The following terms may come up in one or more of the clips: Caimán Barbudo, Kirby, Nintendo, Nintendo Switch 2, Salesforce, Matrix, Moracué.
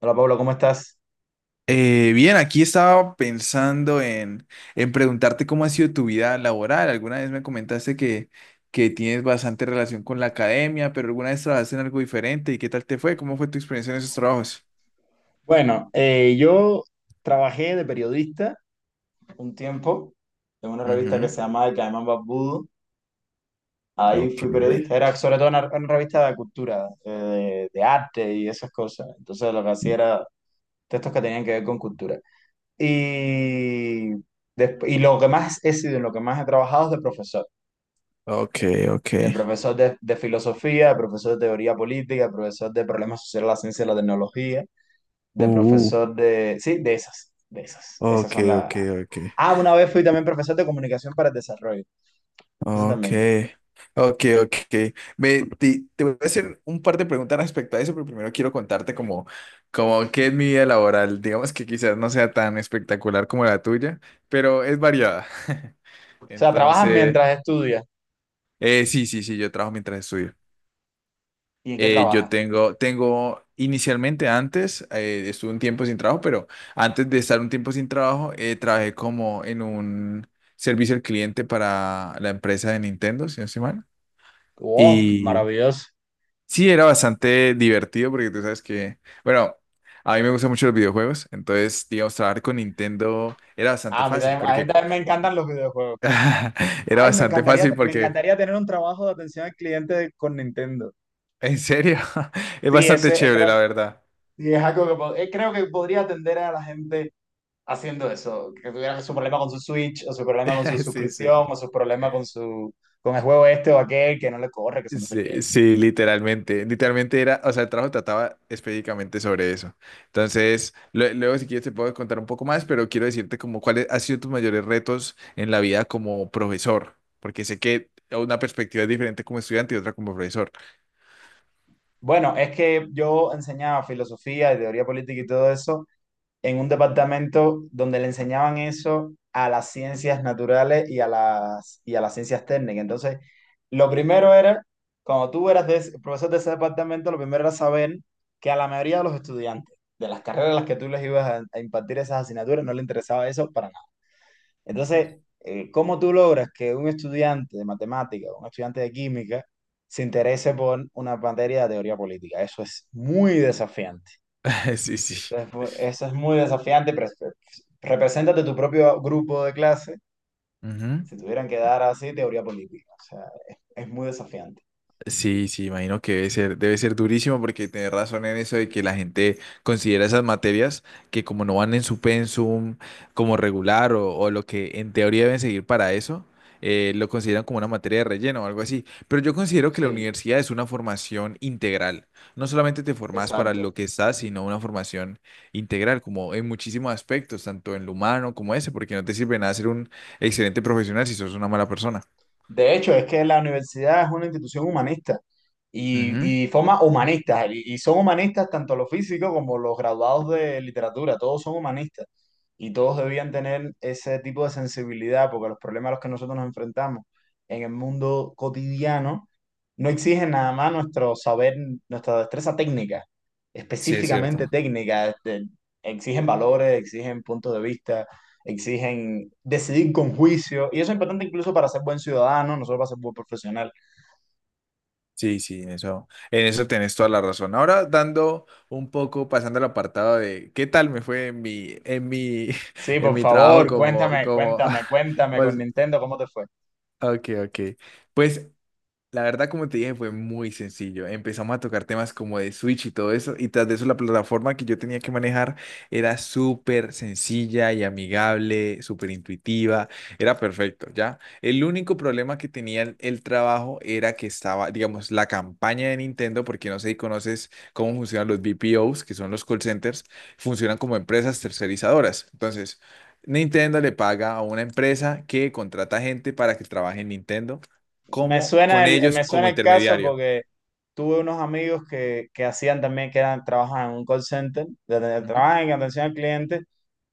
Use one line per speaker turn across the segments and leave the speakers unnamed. Hola Pablo, ¿cómo estás?
Bien, aquí estaba pensando en preguntarte cómo ha sido tu vida laboral. Alguna vez me comentaste que tienes bastante relación con la academia, pero alguna vez trabajaste en algo diferente. ¿Y qué tal te fue? ¿Cómo fue tu experiencia en esos trabajos?
Bueno, yo trabajé de periodista un tiempo en una revista que
Ujú.
se llamaba Caimán Barbudo. Ahí fui
Okay,
periodista, era sobre todo una revista de cultura, de arte y esas cosas. Entonces lo que hacía era textos que tenían que ver con cultura. Y, y lo que más he sido, en lo que más he trabajado es de profesor.
okay,
De
okay.
profesor de filosofía, de profesor de teoría política, de profesor de problemas sociales, la ciencia y la tecnología de
Uh,
profesor de... Sí, de esas. Esas son
okay,
las...
okay, ok.
Ah, una vez fui también profesor de comunicación para el desarrollo. Eso
Ok,
también.
ok, ok. Voy a hacer un par de preguntas respecto a eso, pero primero quiero contarte como qué es mi vida laboral. Digamos que quizás no sea tan espectacular como la tuya, pero es variada.
O sea, trabajas
Entonces,
mientras estudias.
sí, yo trabajo mientras estudio.
¿Y en qué
Yo
trabajas?
tengo, tengo inicialmente antes, estuve un tiempo sin trabajo, pero antes de estar un tiempo sin trabajo, trabajé como en un servicio al cliente para la empresa de Nintendo, si no estoy mal.
¡Oh, maravilloso!
Sí, era bastante divertido porque tú sabes que, bueno, a mí me gustan mucho los videojuegos, entonces, digamos, trabajar con Nintendo era bastante
Ah,
fácil
a mí también me encantan los videojuegos.
era
Ay,
bastante fácil
me
porque,
encantaría tener un trabajo de atención al cliente con Nintendo.
en serio, es
Sí,
bastante
ese es,
chévere,
creo,
la verdad.
sí, es algo que creo que podría atender a la gente haciendo eso, que tuviera su problema con su Switch, o su problema con su
Sí, sí.
suscripción, o su problema con su con el juego este o aquel que no le corre, que se no sé qué.
Sí, sí, literalmente era, o sea, el trabajo trataba específicamente sobre eso. Entonces, luego si quieres te puedo contar un poco más, pero quiero decirte como cuáles han sido tus mayores retos en la vida como profesor, porque sé que una perspectiva es diferente como estudiante y otra como profesor.
Bueno, es que yo enseñaba filosofía y teoría política y todo eso en un departamento donde le enseñaban eso a las ciencias naturales y a y a las ciencias técnicas. Entonces, lo primero era, cuando tú eras profesor de ese departamento, lo primero era saber que a la mayoría de los estudiantes de las carreras a las que tú les ibas a impartir esas asignaturas no le interesaba eso para. Entonces, ¿cómo tú logras que un estudiante de matemática o un estudiante de química se interese por una materia de teoría política? Eso es muy desafiante.
Sí, sí.
Eso es muy desafiante. Represéntate tu propio grupo de clase si tuvieran que dar así teoría política. O sea, es muy desafiante.
Sí, sí, imagino que debe ser durísimo porque tenés razón en eso de que la gente considera esas materias que como no van en su pensum como regular o lo que en teoría deben seguir para eso, lo consideran como una materia de relleno o algo así. Pero yo considero que la
Sí,
universidad es una formación integral. No solamente te formas para lo
exacto.
que estás, sino una formación integral, como en muchísimos aspectos, tanto en lo humano como ese, porque no te sirve nada ser un excelente profesional si sos una mala persona.
De hecho, es que la universidad es una institución humanista
Ujú.
y forma humanistas, y son humanistas tanto los físicos como los graduados de literatura, todos son humanistas y todos debían tener ese tipo de sensibilidad porque los problemas a los que nosotros nos enfrentamos en el mundo cotidiano no exigen nada más nuestro saber, nuestra destreza técnica,
Sí, es cierto.
específicamente técnica, exigen valores, exigen puntos de vista, exigen decidir con juicio, y eso es importante incluso para ser buen ciudadano, no solo para ser buen profesional.
Sí, sí, eso, en eso tenés toda la razón. Ahora dando un poco, pasando al apartado de qué tal me fue
Sí,
en
por
mi trabajo
favor, cuéntame con
pues,
Nintendo, ¿cómo te fue?
ok, ok. Pues la verdad, como te dije, fue muy sencillo. Empezamos a tocar temas como de Switch y todo eso, y tras de eso la plataforma que yo tenía que manejar era súper sencilla y amigable, súper intuitiva, era perfecto, ¿ya? El único problema que tenía el trabajo era que estaba, digamos, la campaña de Nintendo, porque no sé si conoces cómo funcionan los BPOs, que son los call centers, funcionan como empresas tercerizadoras. Entonces Nintendo le paga a una empresa que contrata gente para que trabaje en Nintendo como con ellos
Me suena
como
el caso
intermediario.
porque tuve unos amigos que hacían también, que eran, trabajan en un call center,
Ujú.
trabajan en atención al cliente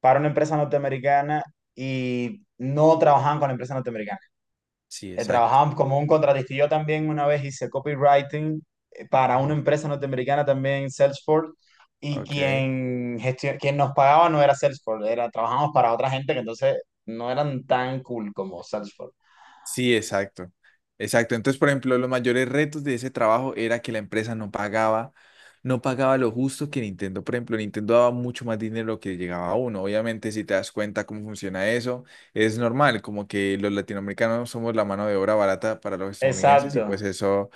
para una empresa norteamericana y no trabajaban con la empresa norteamericana.
Sí, exacto.
Trabajaba como un contratista. Y yo también una vez hice copywriting, para una
Ajá,
empresa norteamericana también, Salesforce, y
ok.
quien nos pagaba no era Salesforce, era, trabajamos para otra gente que entonces no eran tan cool como Salesforce.
Sí, exacto. Exacto. Entonces, por ejemplo, los mayores retos de ese trabajo era que la empresa no pagaba, no pagaba lo justo que Nintendo. Por ejemplo, Nintendo daba mucho más dinero que llegaba a uno. Obviamente, si te das cuenta cómo funciona eso, es normal, como que los latinoamericanos somos la mano de obra barata para los estadounidenses y pues
Exacto,
eso.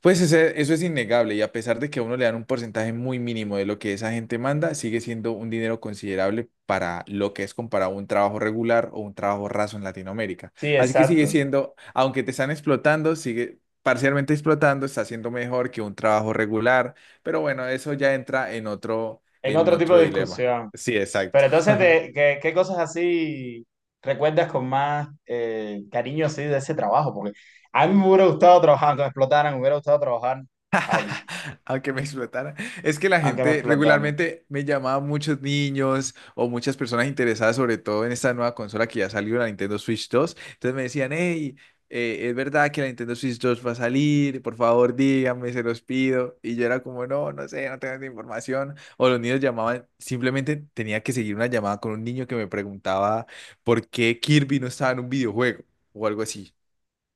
Eso es innegable y a pesar de que a uno le dan un porcentaje muy mínimo de lo que esa gente manda, sigue siendo un dinero considerable para lo que es comparado a un trabajo regular o un trabajo raso en Latinoamérica.
sí,
Así que sigue
exacto.
siendo, aunque te están explotando, sigue parcialmente explotando, está siendo mejor que un trabajo regular, pero bueno, eso ya entra en otro,
En
en
otro tipo
otro
de
dilema.
discusión.
Sí, exacto.
Pero entonces, ¿qué, qué cosas así recuerdas con más cariño así de ese trabajo? Porque a mí me hubiera gustado trabajar, aunque me explotaran, me hubiera gustado trabajar ahí,
A que me explotara. Es que la
aunque me
gente
explotaran.
regularmente me llamaba muchos niños o muchas personas interesadas, sobre todo en esta nueva consola que ya salió, la Nintendo Switch 2. Entonces me decían, hey, ¿es verdad que la Nintendo Switch 2 va a salir? Por favor, díganme, se los pido. Y yo era como, no, no sé, no tengo esa información. O los niños llamaban, simplemente tenía que seguir una llamada con un niño que me preguntaba por qué Kirby no estaba en un videojuego o algo así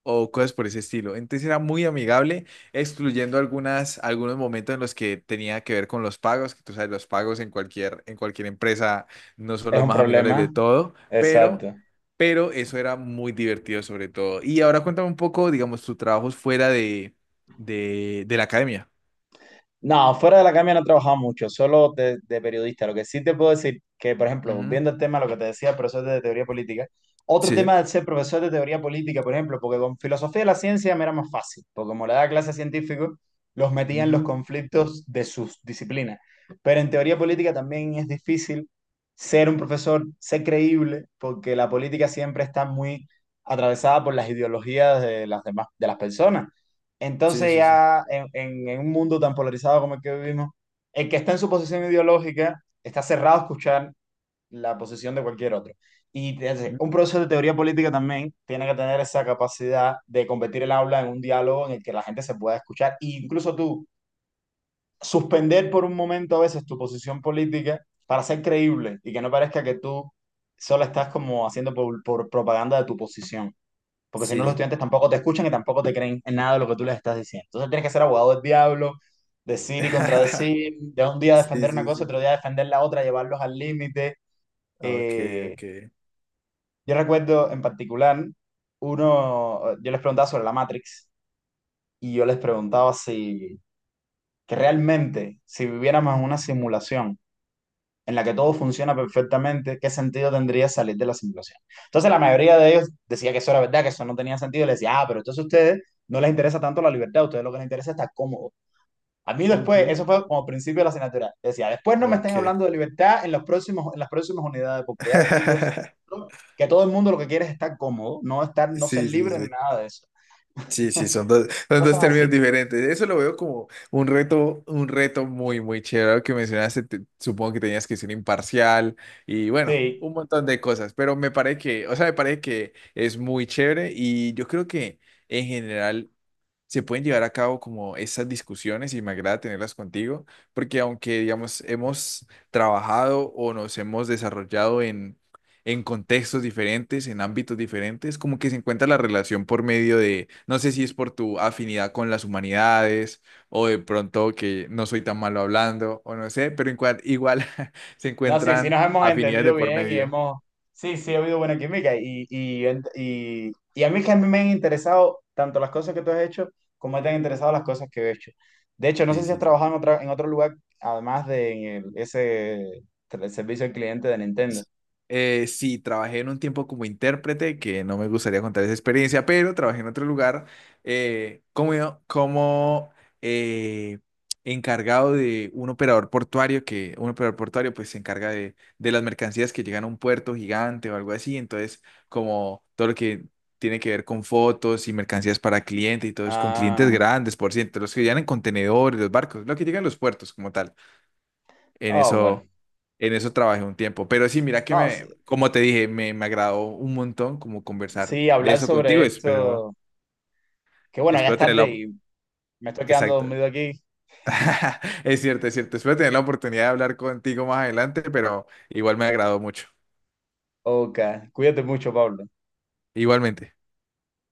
o cosas por ese estilo. Entonces era muy amigable, excluyendo algunos momentos en los que tenía que ver con los pagos, que tú sabes, los pagos en cualquier empresa no son
Es
los
un
más amigables de
problema,
todo, pero,
exacto.
pero eso era muy divertido sobre todo. Y ahora cuéntame un poco, digamos, tus trabajos fuera de la academia.
No, fuera de la academia no he trabajado mucho, solo de periodista. Lo que sí te puedo decir que, por ejemplo,
Ujú.
viendo el tema, lo que te decía, profesor de teoría política, otro
Sí.
tema de ser profesor de teoría política, por ejemplo, porque con filosofía de la ciencia me era más fácil, porque como le daba clase a científicos, los metía en los
Ujú.
conflictos de sus disciplinas. Pero en teoría política también es difícil ser un profesor, ser creíble, porque la política siempre está muy atravesada por las ideologías de las demás, de las personas.
Sí,
Entonces
sí, sí.
ya en un mundo tan polarizado como el que vivimos, el que está en su posición ideológica está cerrado a escuchar la posición de cualquier otro. Y entonces,
Ujú.
un profesor de teoría política también tiene que tener esa capacidad de convertir el aula en un diálogo en el que la gente se pueda escuchar e incluso tú suspender por un momento a veces tu posición política para ser creíble y que no parezca que tú solo estás como haciendo por propaganda de tu posición, porque si no los
Sí.
estudiantes tampoco te escuchan y tampoco te creen en nada de lo que tú les estás diciendo. Entonces tienes que ser abogado del diablo, decir y contradecir, de un día
Sí,
defender una
sí,
cosa, otro
sí.
día defender la otra, llevarlos al límite.
Ok,
Eh,
ok.
yo recuerdo en particular, uno, yo les preguntaba sobre la Matrix y yo les preguntaba que realmente, si viviéramos en una simulación, en la que todo funciona perfectamente, ¿qué sentido tendría salir de la simulación? Entonces la mayoría de ellos decía que eso era verdad, que eso no tenía sentido, y les decía, ah, pero entonces a ustedes no les interesa tanto la libertad, a ustedes lo que les interesa es estar cómodo. A mí después,
Ujú.
eso fue como principio de la asignatura, decía, después no me
Ok.
estén hablando de libertad en las próximas unidades, porque aquí todos, que todo el mundo lo que quiere es estar cómodo, no, no ser
Sí, sí,
libre ni
sí.
nada de eso.
Sí, sí, son dos
Cosas
términos
así.
diferentes. Eso lo veo como un reto muy, muy chévere. Lo que mencionaste, supongo que tenías que ser imparcial y bueno,
Sí,
un montón de cosas, pero me parece que, o sea, me parece que es muy chévere y yo creo que en general se pueden llevar a cabo como esas discusiones y me agrada tenerlas contigo, porque aunque, digamos, hemos trabajado o nos hemos desarrollado en contextos diferentes, en ámbitos diferentes, como que se encuentra la relación por medio de, no sé si es por tu afinidad con las humanidades o de pronto que no soy tan malo hablando o no sé, pero igual se
no, sí, sí
encuentran
nos hemos
afinidades
entendido
de por
bien y
medio.
hemos, sí, sí ha habido buena química y a mí me han interesado tanto las cosas que tú has hecho como me te han interesado las cosas que he hecho. De hecho, no sé
Sí,
si has
sí, sí.
trabajado en otro lugar además de en el, ese el servicio al cliente de Nintendo.
Sí, trabajé en un tiempo como intérprete, que no me gustaría contar esa experiencia, pero trabajé en otro lugar eh, como, como eh, encargado de un operador portuario, que un operador portuario pues se encarga de las mercancías que llegan a un puerto gigante o algo así, entonces como todo lo que tiene que ver con fotos y mercancías para clientes y todo es con clientes
Ah,
grandes, por ciento, los que llegan en contenedores, los barcos, lo que llegan a los puertos como tal en
oh, bueno.
eso, en eso trabajé un tiempo. Pero sí, mira que
No,
me,
sí,
como te dije, me agradó un montón como conversar
sí,
de
hablar
eso contigo.
sobre
Espero,
esto, que bueno, ya es
espero tener
tarde
la,
y me estoy quedando
exacto.
dormido aquí.
Es cierto, es cierto. Espero tener la oportunidad de hablar contigo más adelante, pero igual me agradó mucho.
Ok, cuídate mucho, Pablo.
Igualmente.